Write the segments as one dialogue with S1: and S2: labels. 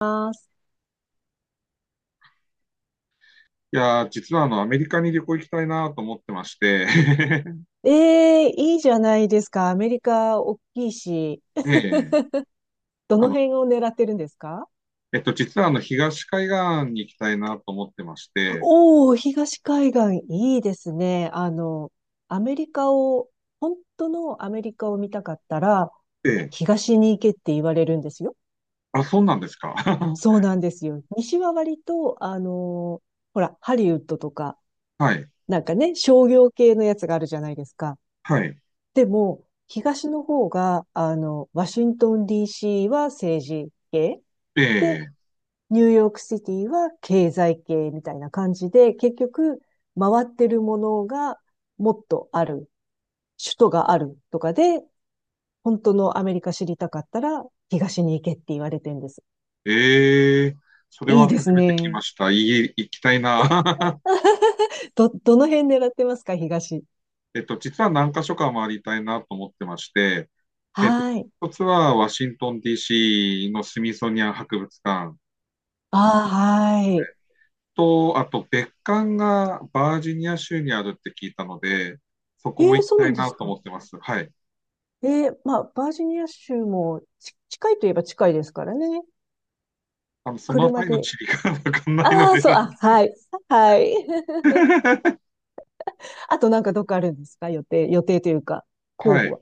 S1: ます。
S2: いやー、実はアメリカに旅行行きたいなと思ってまして、
S1: ええ、いいじゃないですか。アメリカ大きいし、
S2: で、
S1: ど
S2: あ
S1: の
S2: の、
S1: 辺を狙ってるんですか？
S2: 実は東海岸に行きたいなと思ってまして、
S1: おおー、東海岸、いいですね。アメリカを、本当のアメリカを見たかったら、
S2: で、
S1: 東に行けって言われるんですよ。
S2: あ、そうなんですか。
S1: そう なんですよ。西は割と、ほら、ハリウッドとか、
S2: はい、
S1: なんかね、商業系のやつがあるじゃないですか。
S2: はい。
S1: でも、東の方が、ワシントン DC は政治系。で、
S2: ええ
S1: ニューヨークシティは経済系みたいな感じで、結局回ってるものがもっとある、首都があるとかで、本当のアメリカ知りたかったら東に行けって言われてるんです。
S2: ええ、それ
S1: いい
S2: は
S1: です
S2: 初めて来
S1: ね。
S2: ました。いい、行きたいな。
S1: どの辺狙ってますか、東。
S2: 実は何か所か回りたいなと思ってまして、えっと、
S1: はい。
S2: 一つはワシントン DC のスミソニアン博物館。
S1: ああ、はい。
S2: と、あと別館がバージニア州にあるって聞いたので、そこ
S1: え
S2: も
S1: え、
S2: 行き
S1: そう
S2: た
S1: な
S2: い
S1: んで
S2: な
S1: す
S2: と
S1: か。
S2: 思ってます。はい。
S1: ええ、まあ、バージニア州もち近いといえば近いですからね。
S2: そのあた
S1: 車
S2: りの
S1: で。
S2: 地理が わかんないの
S1: ああ、
S2: で
S1: そう、あ、はい。はい。あとなんかどっかあるんですか、予定、予定というか、候
S2: は
S1: 補
S2: い。
S1: は。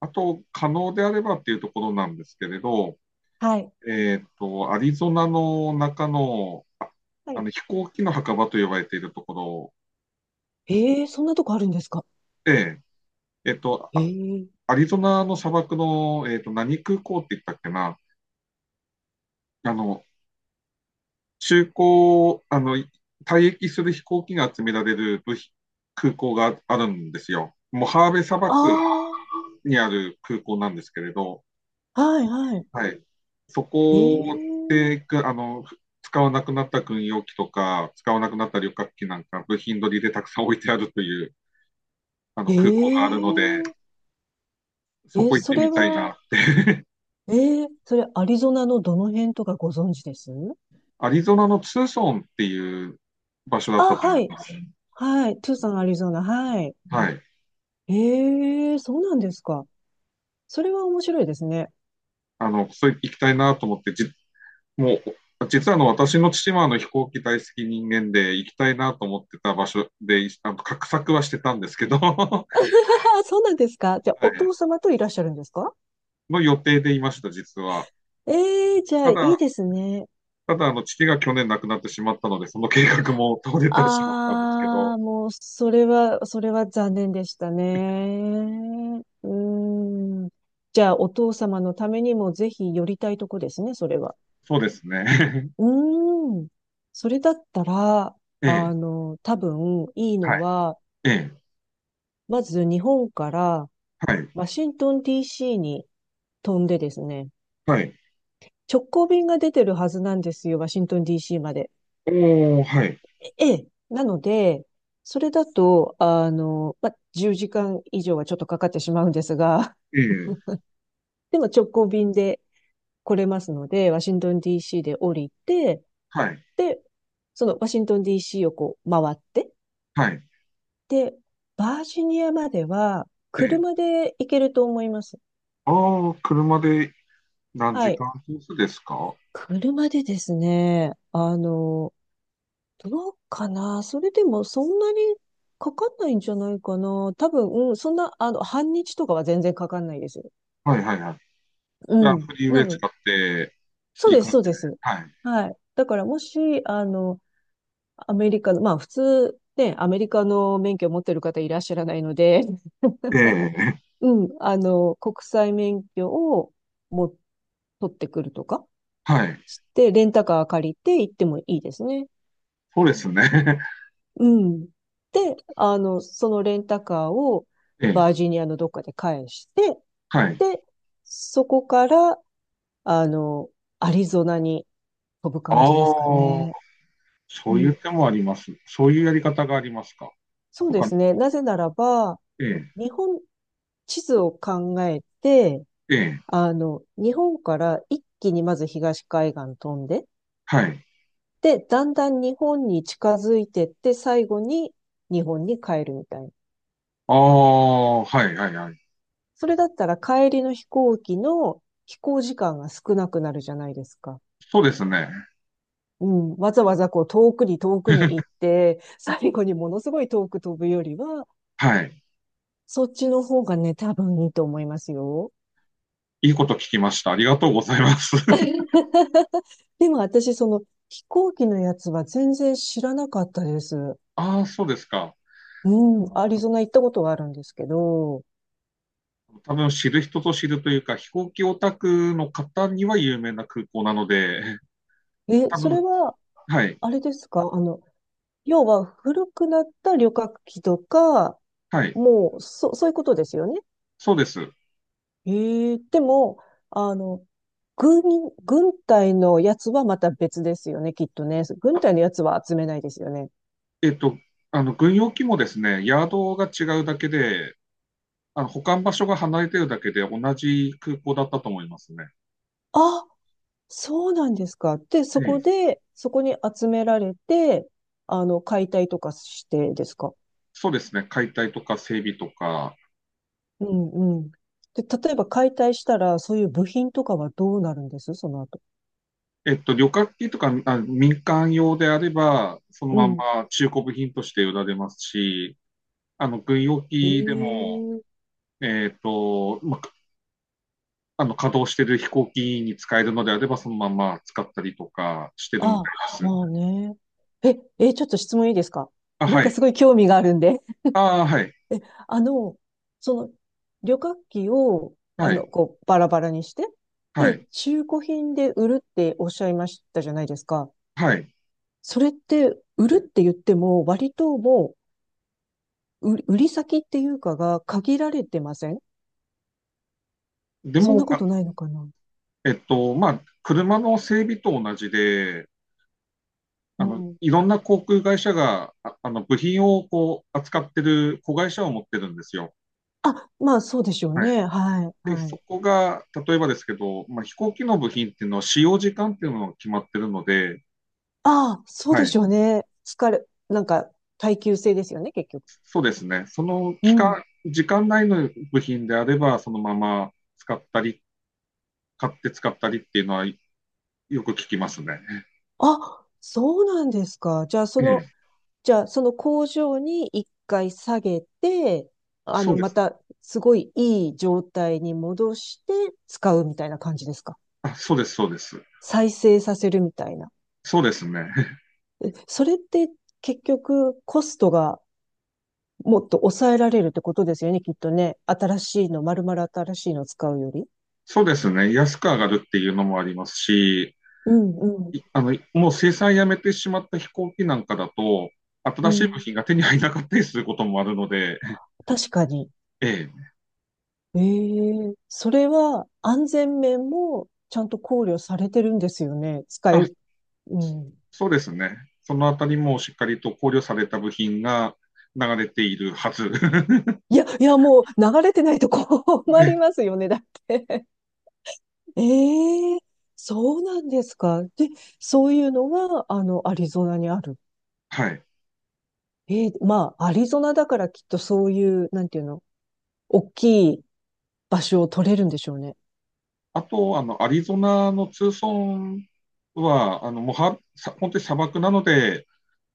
S2: あと、可能であればっていうところなんですけれど、
S1: はい。
S2: アリゾナの中の、
S1: はい。
S2: 飛行機の墓場と呼ばれているところ
S1: ええ、そんなとこあるんですか？
S2: で、えっと、
S1: ええ。
S2: アリゾナの砂漠の、何空港って言ったっけな、あの、中古、退役する飛行機が集められる部品空港があるんですよ。もうハーベイ砂漠
S1: あ
S2: にある空港なんですけれど、
S1: あ、はい、は
S2: はい。そ
S1: い。
S2: こ
S1: え
S2: で、くあの、使わなくなった軍用機とか、使わなくなった旅客機なんか、部品取りでたくさん置いてあるというあ
S1: え
S2: の空港があるので、
S1: え。
S2: そ
S1: ええ、
S2: こ行っ
S1: そ
S2: てみ
S1: れ
S2: たい
S1: は、
S2: な。
S1: ええ、それアリゾナのどの辺とかご存知です？
S2: アリゾナのツーソンっていう場所だった
S1: あ、
S2: と思い
S1: はい。
S2: ます。
S1: はい。トゥーサン、アリゾナ。はい。
S2: はい。
S1: ええ、そうなんですか。それは面白いですね。
S2: それ行きたいなと思って、もう、実は私の父は飛行機大好き人間で行きたいなと思ってた場所で、画策はしてたんですけど、は
S1: あ、そうなんですか。じゃあ、お
S2: い
S1: 父様といらっしゃるんですか？
S2: の予定でいました、実は。
S1: ええ、じゃあ、
S2: た
S1: い
S2: だ、
S1: いですね。
S2: 父が去年亡くなってしまったので、その計画も途絶てしまったんですけど、
S1: ああ、もう、それは、それは残念でしたね。うーん。じゃあ、お父様のためにもぜひ寄りたいとこですね、それは。
S2: そうですね。
S1: うーん。それだったら、
S2: ええ、
S1: 多分、いい
S2: は
S1: の
S2: い、
S1: は、
S2: ええ、
S1: まず日本から
S2: はい、
S1: ワシントン DC に飛んでですね、
S2: はい。
S1: 直行便が出てるはずなんですよ、ワシントン DC まで。
S2: おー、はい、
S1: ええ、なので、それだと、まあ、10時間以上はちょっとかかってしまうんですが、
S2: ええ、
S1: でも直行便で来れますので、ワシントン DC で降りて、
S2: はい、
S1: で、そのワシントン DC をこう回って、
S2: はい、
S1: で、バージニアまでは
S2: ええ。
S1: 車で行けると思います。
S2: ああ、車で何
S1: は
S2: 時
S1: い。
S2: 間コースですか？は
S1: 車でですね、どうかな、それでもそんなにかかんないんじゃないかな。多分、うん、そんな、半日とかは全然かかんないです。
S2: い、はい、はい。じゃ
S1: う
S2: あ、
S1: ん。
S2: フリーウ
S1: な
S2: ェイ
S1: の、
S2: 使って
S1: そう
S2: いい
S1: です、
S2: 感
S1: そう
S2: じ
S1: で
S2: で。
S1: す。
S2: はい。
S1: はい。だからもし、アメリカの、まあ普通、ね、アメリカの免許を持ってる方いらっしゃらないので、
S2: ええ、
S1: うん、国際免許をも、取ってくるとか
S2: はい。
S1: して、レンタカー借りて行ってもいいですね。
S2: そうですね。
S1: うん。で、そのレンタカーを
S2: ええ、
S1: バージニアのどっかで返して、
S2: はい。
S1: で、そこから、あの、アリゾナに飛ぶ
S2: あ
S1: 感じですか
S2: あ、
S1: ね。
S2: そ
S1: う
S2: ういう
S1: ん、
S2: 手もあります。そういうやり方がありますか？
S1: そう
S2: と
S1: で
S2: か、
S1: すね。なぜならば、
S2: ええ、
S1: 日本地図を考えて、
S2: ええ、
S1: 日本から一気にまず東海岸飛んで、
S2: はい。
S1: で、だんだん日本に近づいてって、最後に日本に帰るみたいな。
S2: ああ、はいはいはい。
S1: それだったら帰りの飛行機の飛行時間が少なくなるじゃないですか。
S2: そうですね。
S1: うん。わざわざこう遠くに遠くに行って、最後にものすごい遠く飛ぶよりは、
S2: はい。
S1: そっちの方がね、多分いいと思いますよ。
S2: いいこと聞きました。ありがとうございます。
S1: でも私、その飛行機のやつは全然知らなかったです。
S2: ああ、そうですか。
S1: うん、アリゾナ行ったことはあるんですけど、
S2: 多分知る人ぞ知るというか、飛行機オタクの方には有名な空港なので、
S1: え、
S2: 多
S1: それ
S2: 分、
S1: は、
S2: はい、
S1: あれですか、要は古くなった旅客機とか、
S2: はい、
S1: もう、そういうことですよね。
S2: そうです。
S1: ええ、でも、あの、軍、軍隊のやつはまた別ですよね、きっとね。軍隊の
S2: あ
S1: やつは集めないですよね。
S2: えっと、軍用機もですね、ヤードが違うだけで、保管場所が離れてるだけで同じ空港だったと思いますね。
S1: あ、そうなんですか。で、そ
S2: え
S1: こ
S2: え、
S1: で、そこに集められて、解体とかしてですか。
S2: そうですね。解体とか整備とか、
S1: うんうん。で、例えば解体したら、そういう部品とかはどうなるんですその後。
S2: 旅客機とか、あ、民間用であれば、その
S1: う
S2: ま
S1: ん。
S2: ま中古部品として売られますし、軍用
S1: え
S2: 機でも、
S1: え、
S2: えっと、ま、あの、稼働してる飛行機に使えるのであれば、そのまま使ったりとかしてるみた
S1: あ、
S2: いです。
S1: まあね。え、え、ちょっと質問いいですか？
S2: あ、
S1: なん
S2: は
S1: か
S2: い。
S1: すごい興味があるんで。
S2: ああ、はい。
S1: え、あの、その、旅客機を、
S2: はい。
S1: こう、バラバラにして、
S2: は
S1: で、
S2: い。
S1: 中古品で売るっておっしゃいましたじゃないですか。
S2: はい。
S1: それって売るって言っても、割ともう、売売り先っていうかが限られてません？
S2: で
S1: そん
S2: も、
S1: なこ
S2: あ、
S1: とないのかな。
S2: まあ、車の整備と同じで、
S1: うん。
S2: いろんな航空会社が、あ、部品をこう、扱ってる子会社を持ってるんですよ。
S1: あ、まあそうでしょう
S2: はい。
S1: ね。はい、
S2: で、
S1: はい。
S2: そこが、例えばですけど、まあ、飛行機の部品っていうのは使用時間っていうのが決まってるので、
S1: ああ、そう
S2: は
S1: でしょ
S2: い。
S1: うね。疲れ、なんか耐久性ですよね、結局。
S2: そうですね。その
S1: う
S2: 期
S1: ん。
S2: 間、時間内の部品であれば、そのまま使ったり、買って使ったりっていうのはよく聞きますね。
S1: あ、そうなんですか。じゃあそ
S2: え
S1: の、
S2: え。
S1: じゃあその工場に一回下げて、
S2: そうで
S1: ま
S2: す。
S1: たすごいいい状態に戻して使うみたいな感じですか。
S2: あ、そうです、そうです。
S1: 再生させるみたいな。
S2: そうですね。
S1: え、それって結局コストがもっと抑えられるってことですよね、きっとね。新しいの、丸々新しいのを使うより。
S2: そうですね。安く上がるっていうのもありますし、
S1: うんう
S2: い
S1: ん
S2: あの、もう生産やめてしまった飛行機なんかだと、
S1: う
S2: 新しい部
S1: ん。
S2: 品が手に入らなかったりすることもあるので、
S1: 確かに。
S2: ええ、
S1: ええ、それは安全面もちゃんと考慮されてるんですよね。使
S2: あ、
S1: い、うん。
S2: そうですね。そのあたりもしっかりと考慮された部品が流れているはず。
S1: いや、いや、もう流れてないと困りますよね、だって。ええ、そうなんですか。で、そういうのは、アリゾナにある。
S2: はい。
S1: まあ、アリゾナだからきっとそういう、なんていうの、大きい場所を取れるんでしょうね。
S2: あと、アリゾナのツーソンは、あの、もうは、さ本当に砂漠なので、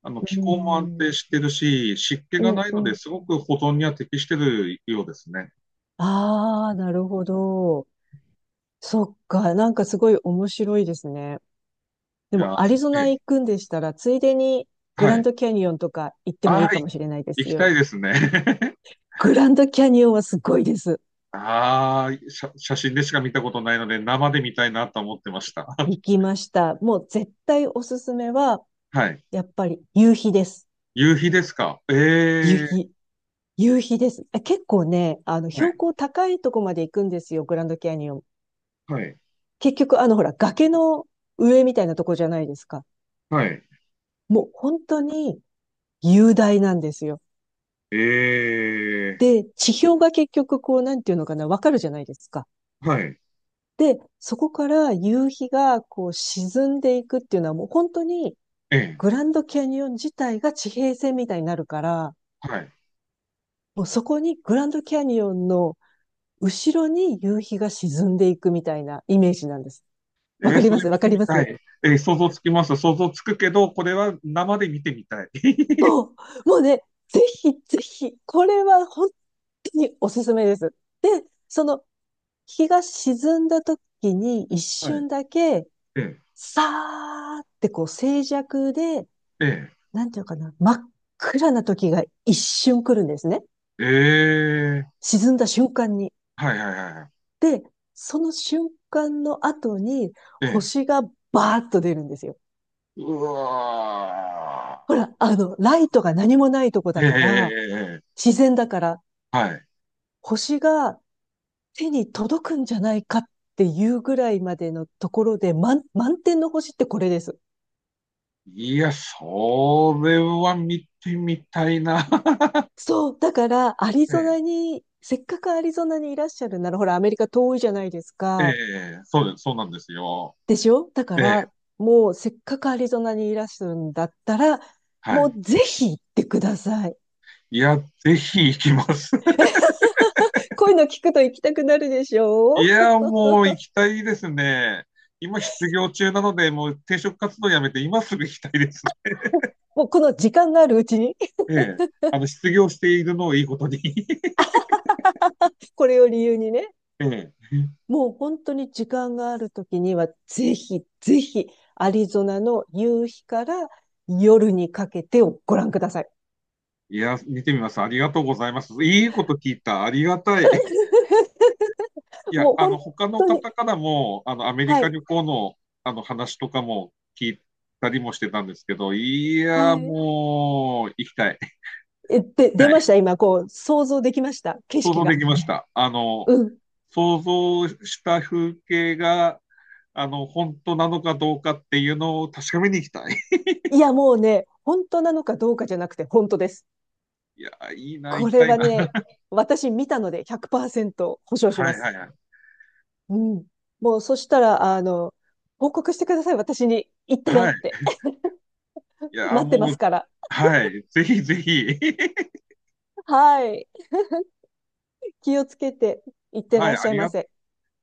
S1: う
S2: 気
S1: ー
S2: 候も安
S1: ん、
S2: 定してるし、湿気
S1: う
S2: が
S1: ん、
S2: ない
S1: う
S2: ので
S1: ん。
S2: すごく保存には適してるようですね。
S1: ああ、なるほど。そっか、なんかすごい面白いですね。
S2: い
S1: でも、
S2: や、
S1: アリゾ
S2: ええ、
S1: ナ行くんでしたら、ついでにグ
S2: は
S1: ラン
S2: い。
S1: ドキャニオンとか行ってもい
S2: あ
S1: い
S2: あ、
S1: かもしれないで
S2: 行
S1: す
S2: きた
S1: よ。
S2: いですね。
S1: グランドキャニオンはすごいです。
S2: ああ、写真でしか見たことないので、生で見たいなと思ってました。
S1: 行きました。もう絶対おすすめは、
S2: はい。
S1: やっぱり夕日です。
S2: 夕日ですか？え
S1: 夕
S2: え、
S1: 日。夕日です。え、結構ね、
S2: は
S1: 標
S2: い、
S1: 高高いとこまで行くんですよ、グランドキャニオン。
S2: はい、
S1: 結局、ほら、崖の上みたいなとこじゃないですか。
S2: はい。
S1: もう本当に雄大なんですよ。
S2: ええ、
S1: で、地表が結局、こう、なんていうのかな、わかるじゃないですか。
S2: はい、
S1: で、そこから夕日が、こう、沈んでいくっていうのは、もう本当に、
S2: ええ、
S1: グランドキャニオン自体が地平線みたいになるから、
S2: はい。
S1: もうそこにグランドキャニオンの後ろに夕日が沈んでいくみたいなイメージなんです。わ
S2: え
S1: か
S2: え、
S1: り
S2: そ
S1: ま
S2: れ
S1: す、
S2: 見
S1: わか
S2: て
S1: り
S2: み
S1: ま
S2: た
S1: す。
S2: い。ええ、想像つきます。想像つくけど、これは生で見てみたい。
S1: そう、もうね、ぜひぜひ、これは本当におすすめです。で、その日が沈んだ時に一
S2: はい。
S1: 瞬だけ、
S2: え
S1: さーってこう静寂で、
S2: ええ
S1: なんていうかな、真っ暗な時が一瞬来るんですね。
S2: えええ、
S1: 沈んだ瞬間に。
S2: はいはいはいはい。
S1: で、その瞬間の後に
S2: ええ、
S1: 星がバーッと出るんですよ。
S2: うわ
S1: ほら、ライトが何もないとこ
S2: ー。
S1: だ
S2: えええ
S1: から、
S2: えええええ、
S1: 自然だから、
S2: はい。
S1: 星が手に届くんじゃないかっていうぐらいまでのところで、満点の星ってこれです。
S2: いや、それは見てみたいな。
S1: そう、だから、アリゾ
S2: え
S1: ナに、せっかくアリゾナにいらっしゃるなら、ほら、アメリカ遠いじゃないです
S2: え、え
S1: か。
S2: え、そうです、そうなんですよ。
S1: でしょ、だか
S2: ええ、
S1: ら、もう、せっかくアリゾナにいらっしゃるんだったら、
S2: は
S1: も
S2: い。
S1: うぜひ行ってください。
S2: いや、ぜひ行きます。
S1: こういうの聞くと行きたくなるでしょ
S2: い
S1: う？
S2: や、もう行きたいですね。今失業中なので、もう転職活動やめて今すぐ行きたいです。
S1: もうこの時間があるうちに、
S2: ええ、失業しているのをいいことに
S1: これを理由にね。
S2: ええ、
S1: もう本当に時間があるときには、ぜひ、ぜひ、アリゾナの夕日から夜にかけてをご覧ください。
S2: いや、見てみます。ありがとうございます。いいこと聞いた。ありがたい。い や、
S1: もう本
S2: 他の
S1: 当
S2: 方
S1: に、
S2: からも、アメリ
S1: は
S2: カ
S1: い、
S2: 旅行の、話とかも聞いたりもしてたんですけど、いや、
S1: はい。
S2: もう、行きたい。行き
S1: え、で、
S2: た
S1: 出
S2: い。
S1: ました今、こう、想像できました景
S2: 想
S1: 色
S2: 像で
S1: が。
S2: きました。
S1: うん。
S2: 想像した風景が、本当なのかどうかっていうのを確かめに行きたい。
S1: いや、もうね、本当なのかどうかじゃなくて、本当です。
S2: いや、いいな、行
S1: こ
S2: き
S1: れ
S2: たい
S1: は
S2: な。
S1: ね、私見たので100%保証し
S2: は
S1: ま
S2: い
S1: す。
S2: はいはい。
S1: うん。もう、そしたら、報告してください。私に行ったよ
S2: は
S1: っ
S2: い。
S1: て。
S2: い や、
S1: 待ってま
S2: も
S1: す
S2: う、
S1: から。
S2: はい。ぜひぜひ。
S1: はい。気をつけていっ て
S2: は
S1: ら
S2: い。
S1: っしゃいませ。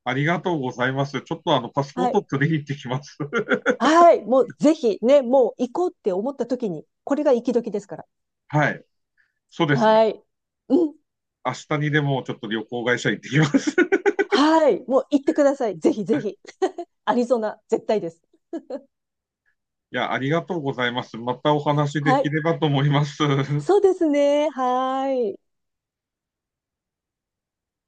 S2: ありがとうございます。ちょっとパスポ
S1: は
S2: ート
S1: い。
S2: 取りに行ってきます。
S1: はい。もうぜひね、もう行こうって思った時に、これが行き時ですから。
S2: はい。そうですね。
S1: はい。うん。
S2: 明日にでもちょっと旅行会社行ってきます。
S1: はい。もう行ってください。ぜひぜひ。アリゾナ、絶対です。
S2: いや、ありがとうございます。またお話で
S1: は
S2: き
S1: い。
S2: ればと思います。
S1: そうですね。はい。